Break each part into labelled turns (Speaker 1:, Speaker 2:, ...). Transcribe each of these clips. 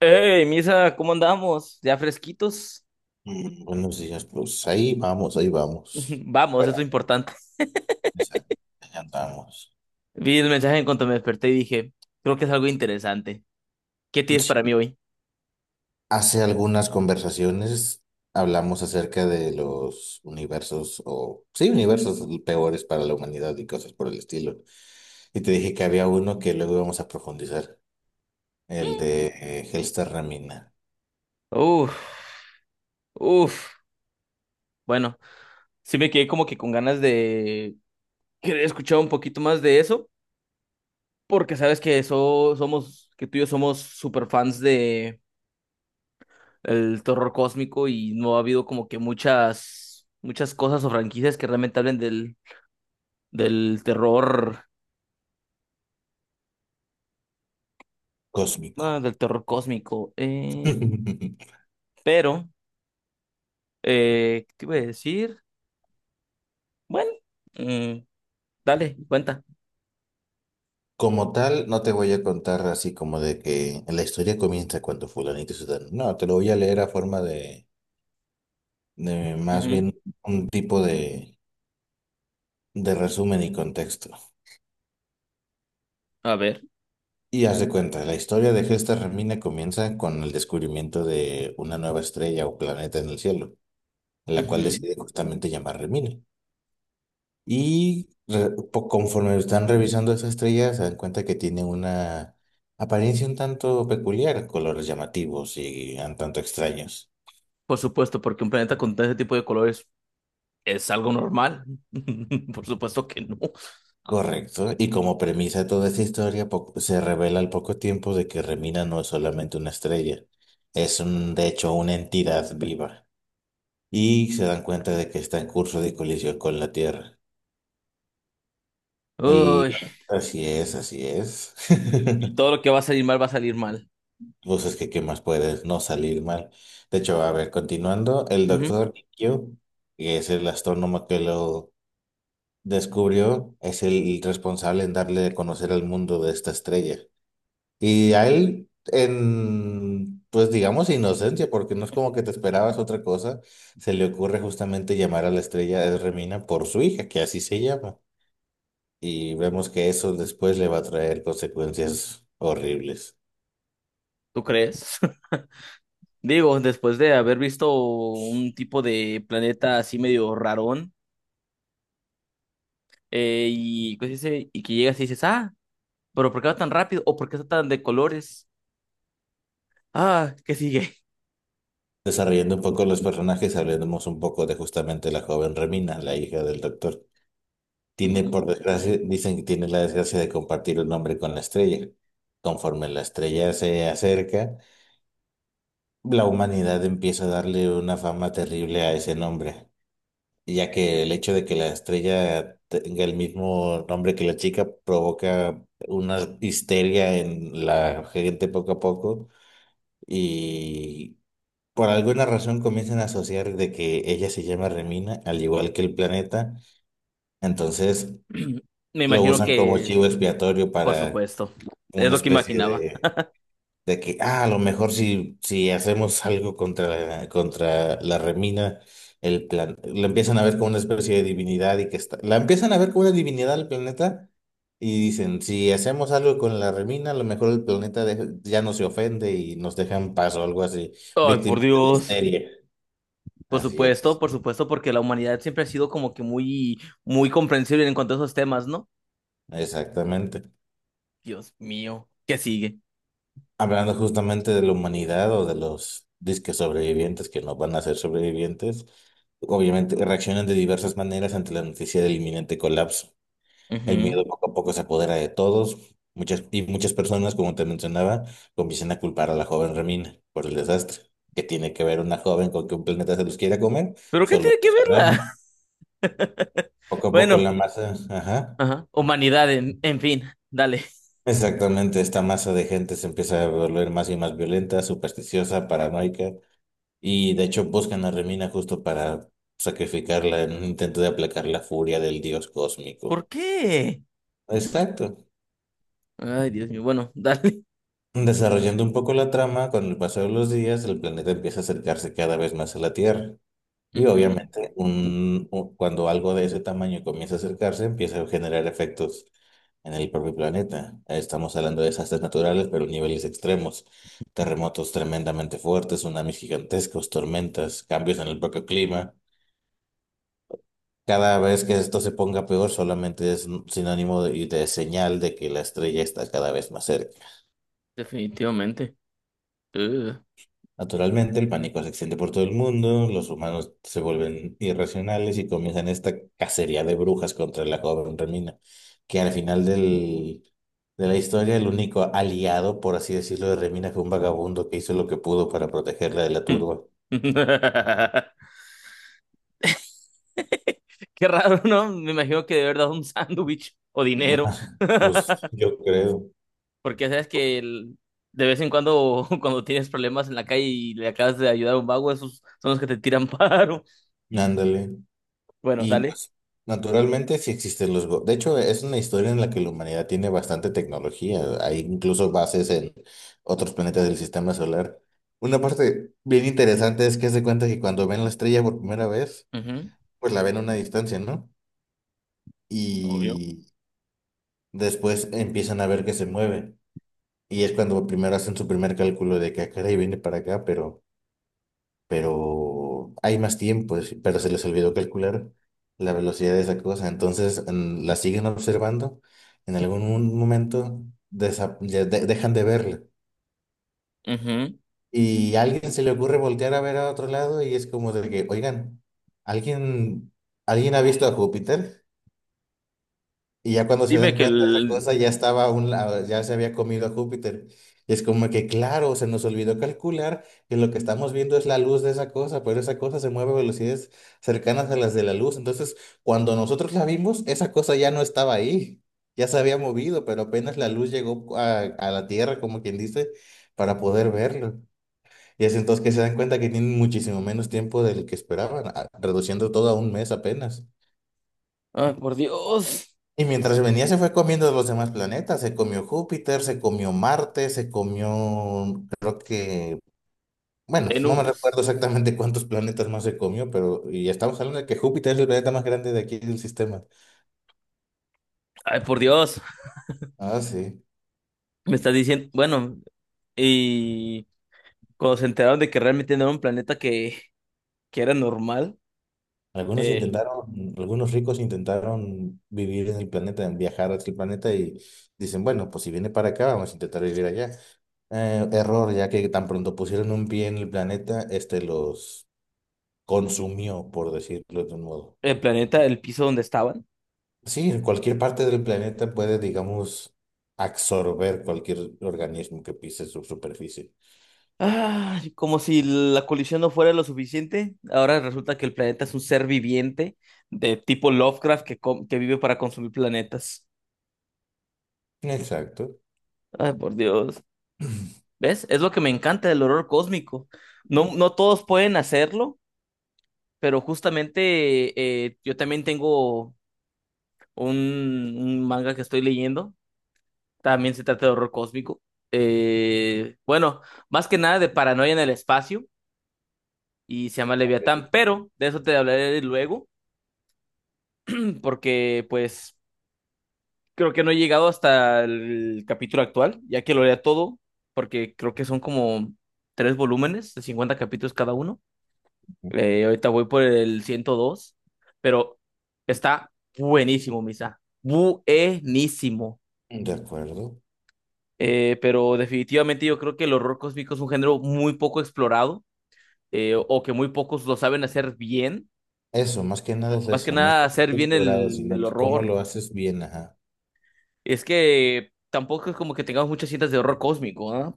Speaker 1: Hey, Misa, ¿cómo andamos? ¿Ya fresquitos?
Speaker 2: Mm, buenos días, pues ahí vamos, ahí vamos.
Speaker 1: Vamos, eso es
Speaker 2: Pero,
Speaker 1: importante.
Speaker 2: esa- ahí andamos.
Speaker 1: Vi el mensaje en cuanto me desperté y dije, creo que es algo interesante. ¿Qué tienes
Speaker 2: Sí.
Speaker 1: para mí hoy?
Speaker 2: Hace algunas conversaciones hablamos acerca de los universos o, sí, universos peores para la humanidad y cosas por el estilo. Y te dije que había uno que luego íbamos a profundizar, el de Hellstar Ramina,
Speaker 1: Uf, uf. Bueno, sí me quedé como que con ganas de querer escuchar un poquito más de eso, porque sabes que eso somos, que tú y yo somos super fans de el terror cósmico y no ha habido como que muchas, muchas cosas o franquicias que realmente hablen del, del terror. Ah,
Speaker 2: cósmico.
Speaker 1: del terror cósmico. Pero, ¿Qué te iba a decir? Bueno, mm, dale, cuenta.
Speaker 2: Como tal, no te voy a contar así como de que la historia comienza cuando fulanito se da. No, te lo voy a leer a forma de más
Speaker 1: Ujú.
Speaker 2: bien un tipo de resumen y contexto.
Speaker 1: A ver.
Speaker 2: Y haz de cuenta, la historia de Gesta Remina comienza con el descubrimiento de una nueva estrella o planeta en el cielo, la cual
Speaker 1: Ujú.
Speaker 2: decide justamente llamar Remina. Y conforme están revisando esa estrella, se dan cuenta que tiene una apariencia un tanto peculiar, colores llamativos y un tanto extraños.
Speaker 1: Por supuesto, porque un planeta con ese tipo de colores es algo normal. Por supuesto que no.
Speaker 2: Correcto. Y como premisa de toda esta historia, se revela al poco tiempo de que Remina no es solamente una estrella, es un, de hecho una entidad viva. Y se dan cuenta de que está en curso de colisión con la Tierra. El...
Speaker 1: Uy,
Speaker 2: Así es, así es.
Speaker 1: y todo lo que va a salir mal va a salir mal.
Speaker 2: Pues es que, ¿qué más puedes? No salir mal. De hecho, a ver, continuando, el
Speaker 1: Ujú.
Speaker 2: doctor Kyo, que es el astrónomo que lo descubrió, es el responsable en darle a conocer al mundo de esta estrella. Y a él, en, pues digamos, inocencia, porque no es como que te esperabas otra cosa, se le ocurre justamente llamar a la estrella de Remina por su hija, que así se llama. Y vemos que eso después le va a traer consecuencias horribles.
Speaker 1: ¿Tú crees? Digo, después de haber visto un tipo de planeta así medio rarón, y, ¿cómo se dice? Y que llegas y dices, ah, pero ¿por qué va tan rápido? ¿O por qué está tan de colores? Ah, ¿qué sigue?
Speaker 2: Desarrollando un poco los personajes, hablemos un poco de justamente la joven Remina, la hija del doctor. Tiene, por desgracia, dicen que tiene la desgracia de compartir un nombre con la estrella. Conforme la estrella se acerca, la humanidad empieza a darle una fama terrible a ese nombre, ya que el hecho de que la estrella tenga el mismo nombre que la chica provoca una histeria en la gente poco a poco y por alguna razón comienzan a asociar de que ella se llama Remina, al igual que el planeta, entonces
Speaker 1: Me
Speaker 2: lo
Speaker 1: imagino
Speaker 2: usan como
Speaker 1: que,
Speaker 2: chivo expiatorio
Speaker 1: por
Speaker 2: para
Speaker 1: supuesto, es
Speaker 2: una
Speaker 1: lo que
Speaker 2: especie
Speaker 1: imaginaba.
Speaker 2: de que ah, a lo mejor si hacemos algo contra la remina, la empiezan a ver como una especie de divinidad y que está, la empiezan a ver como una divinidad al planeta y dicen, si hacemos algo con la remina, a lo mejor el planeta ya no se ofende y nos deja en paz o algo así,
Speaker 1: Ay, por
Speaker 2: víctimas de la
Speaker 1: Dios.
Speaker 2: histeria. Así es,
Speaker 1: Por supuesto, porque la humanidad siempre ha sido como que muy, muy comprensible en cuanto a esos temas, ¿no?
Speaker 2: exactamente.
Speaker 1: Dios mío, ¿qué sigue?
Speaker 2: Hablando justamente de la humanidad o de los disques sobrevivientes que no van a ser sobrevivientes, obviamente reaccionan de diversas maneras ante la noticia del inminente colapso. El miedo
Speaker 1: Ujú.
Speaker 2: poco a poco se apodera de todos, y muchas personas, como te mencionaba, comienzan a culpar a la joven Remina por el desastre. ¿Qué tiene que ver una joven con que un planeta se los quiera comer?
Speaker 1: ¿Pero qué
Speaker 2: Solo
Speaker 1: tiene que
Speaker 2: ellos
Speaker 1: verla?
Speaker 2: sabrán. Poco a poco
Speaker 1: Bueno,
Speaker 2: la masa, ajá.
Speaker 1: ajá, Humanidad, en fin, dale.
Speaker 2: Exactamente, esta masa de gente se empieza a volver más y más violenta, supersticiosa, paranoica. Y de hecho buscan a Remina justo para sacrificarla en un intento de aplacar la furia del dios cósmico.
Speaker 1: ¿Por qué?
Speaker 2: Exacto.
Speaker 1: Ay, Dios mío, bueno, dale.
Speaker 2: Desarrollando un poco la trama, con el paso de los días, el planeta empieza a acercarse cada vez más a la Tierra. Y
Speaker 1: Ujú.
Speaker 2: obviamente, cuando algo de ese tamaño comienza a acercarse, empieza a generar efectos en el propio planeta. Estamos hablando de desastres naturales, pero niveles extremos. Terremotos tremendamente fuertes, tsunamis gigantescos, tormentas, cambios en el propio clima. Cada vez que esto se ponga peor, solamente es un sinónimo de, y de señal de que la estrella está cada vez más cerca.
Speaker 1: Definitivamente. Ugh.
Speaker 2: Naturalmente, el pánico se extiende por todo el mundo, los humanos se vuelven irracionales y comienzan esta cacería de brujas contra la joven Remina, que al final del, de la historia, el único aliado, por así decirlo, de Remina fue un vagabundo que hizo lo que pudo para protegerla de la turba.
Speaker 1: Qué raro, ¿no? Me imagino que de verdad un sándwich o dinero.
Speaker 2: Pues yo creo.
Speaker 1: Porque sabes que el- de vez en cuando, cuando tienes problemas en la calle y le acabas de ayudar a un vago, esos son los que te tiran paro.
Speaker 2: Ándale.
Speaker 1: Bueno,
Speaker 2: Y
Speaker 1: dale.
Speaker 2: pues, naturalmente sí existen los... De hecho, es una historia en la que la humanidad tiene bastante tecnología. Hay incluso bases en otros planetas del sistema solar. Una parte bien interesante es que se cuenta que cuando ven la estrella por primera vez,
Speaker 1: Ujú.
Speaker 2: pues la ven a una distancia, ¿no?
Speaker 1: Obvio.
Speaker 2: Y después empiezan a ver que se mueve. Y es cuando primero hacen su primer cálculo de que, "Ah, caray, viene para acá, pero hay más tiempo, pero se les olvidó calcular la velocidad de esa cosa, entonces la siguen observando, en algún momento dejan de verla
Speaker 1: Ujú.
Speaker 2: y a alguien se le ocurre voltear a ver a otro lado y es como de que, oigan, ¿alguien, ¿alguien ha visto a Júpiter? Y ya cuando se
Speaker 1: Dime
Speaker 2: dan
Speaker 1: que el.
Speaker 2: cuenta de esa cosa, ya estaba a un lado, ya se había comido a Júpiter. Y es como que, claro, se nos olvidó calcular que lo que estamos viendo es la luz de esa cosa, pero esa cosa se mueve a velocidades cercanas a las de la luz. Entonces, cuando nosotros la vimos, esa cosa ya no estaba ahí, ya se había movido, pero apenas la luz llegó a la Tierra, como quien dice, para poder verlo. Y es entonces que se dan cuenta que tienen muchísimo menos tiempo del que esperaban, reduciendo todo a un mes apenas.
Speaker 1: Ay, por Dios.
Speaker 2: Y mientras venía se fue comiendo los demás planetas, se comió Júpiter, se comió Marte, se comió, creo que, bueno, no me recuerdo
Speaker 1: Venus.
Speaker 2: exactamente cuántos planetas más se comió, pero y estamos hablando de que Júpiter es el planeta más grande de aquí del sistema.
Speaker 1: Ay, por Dios.
Speaker 2: Ah, sí.
Speaker 1: Me estás diciendo. Bueno, y cuando se enteraron de que realmente no era un planeta que era normal,
Speaker 2: Algunos
Speaker 1: eh,
Speaker 2: intentaron, algunos ricos intentaron vivir en el planeta, en viajar a aquel planeta y dicen, bueno, pues si viene para acá, vamos a intentar vivir allá. Error, ya que tan pronto pusieron un pie en el planeta, este los consumió, por decirlo de un modo.
Speaker 1: el planeta, el piso donde estaban.
Speaker 2: Sí, en cualquier parte del planeta puede, digamos, absorber cualquier organismo que pise su superficie.
Speaker 1: Ay, como si la colisión no fuera lo suficiente, ahora resulta que el planeta es un ser viviente de tipo Lovecraft que, com- que vive para consumir planetas.
Speaker 2: Exacto,
Speaker 1: Ay, por Dios. ¿Ves? Es lo que me encanta del horror cósmico. No, no todos pueden hacerlo, pero justamente yo también tengo un manga que estoy leyendo. También se trata de horror cósmico. Bueno, más que nada de paranoia en el espacio y se llama Leviatán, pero de eso te hablaré luego, porque pues creo que no he llegado hasta el capítulo actual, ya que lo lea todo, porque creo que son como 3 volúmenes de 50 capítulos cada uno. Ahorita voy por el 102, pero está buenísimo, Misa. Buenísimo.
Speaker 2: de acuerdo.
Speaker 1: Pero definitivamente yo creo que el horror cósmico es un género muy poco explorado, o que muy pocos lo saben hacer bien.
Speaker 2: Eso, más que nada es
Speaker 1: Más que
Speaker 2: eso, no
Speaker 1: nada
Speaker 2: está
Speaker 1: hacer bien
Speaker 2: explorado, sino
Speaker 1: el
Speaker 2: que cómo
Speaker 1: horror.
Speaker 2: lo haces bien, ajá.
Speaker 1: Es que tampoco es como que tengamos muchas cintas de horror cósmico, ¿ah?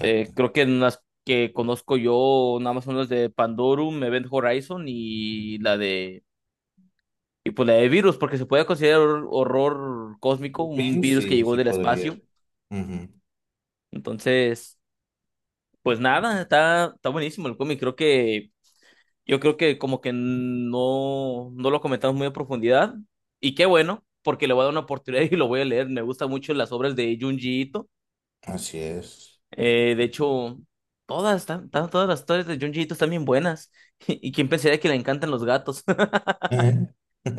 Speaker 1: Eh, creo que en las que conozco yo, nada más son las de Pandorum, Event Horizon y la de. Y pues la de virus, porque se puede considerar hor- horror cósmico, un
Speaker 2: Virus
Speaker 1: virus que
Speaker 2: sí,
Speaker 1: llegó
Speaker 2: sí
Speaker 1: del espacio.
Speaker 2: podría. Ujú,
Speaker 1: Entonces, pues nada, está, está buenísimo el cómic. Creo que, yo creo que como que no, no lo comentamos muy a profundidad. Y qué bueno, porque le voy a dar una oportunidad y lo voy a leer. Me gustan mucho las obras de Junji Ito.
Speaker 2: así es.
Speaker 1: De hecho, todas, están- están- todas las historias de Junjiito están bien buenas. Y quién pensaría que le encantan los gatos.
Speaker 2: ¿Eh?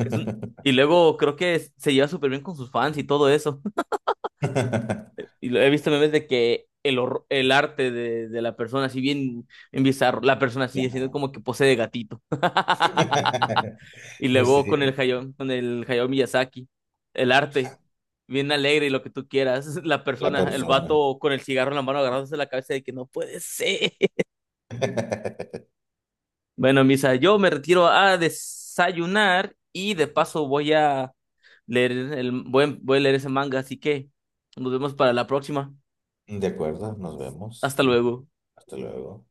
Speaker 1: Es un- y luego creo que se lleva súper bien con sus fans y todo eso. Y lo he visto memes de que el, hor- el arte de la persona, así bien, bien bizarro, la persona así haciendo
Speaker 2: Ajá.
Speaker 1: como que pose de gatito. Y luego
Speaker 2: Sí,
Speaker 1: Con el Hayao Miyazaki, el arte, bien alegre y lo que tú quieras. La
Speaker 2: la
Speaker 1: persona, el
Speaker 2: persona.
Speaker 1: vato con el cigarro en la mano agarrándose la cabeza de que no puede ser. Bueno, Misa, yo me retiro a desayunar y de paso voy a leer el, voy, voy a leer ese manga, así que nos vemos para la próxima.
Speaker 2: De acuerdo, nos vemos.
Speaker 1: Hasta luego.
Speaker 2: Hasta luego.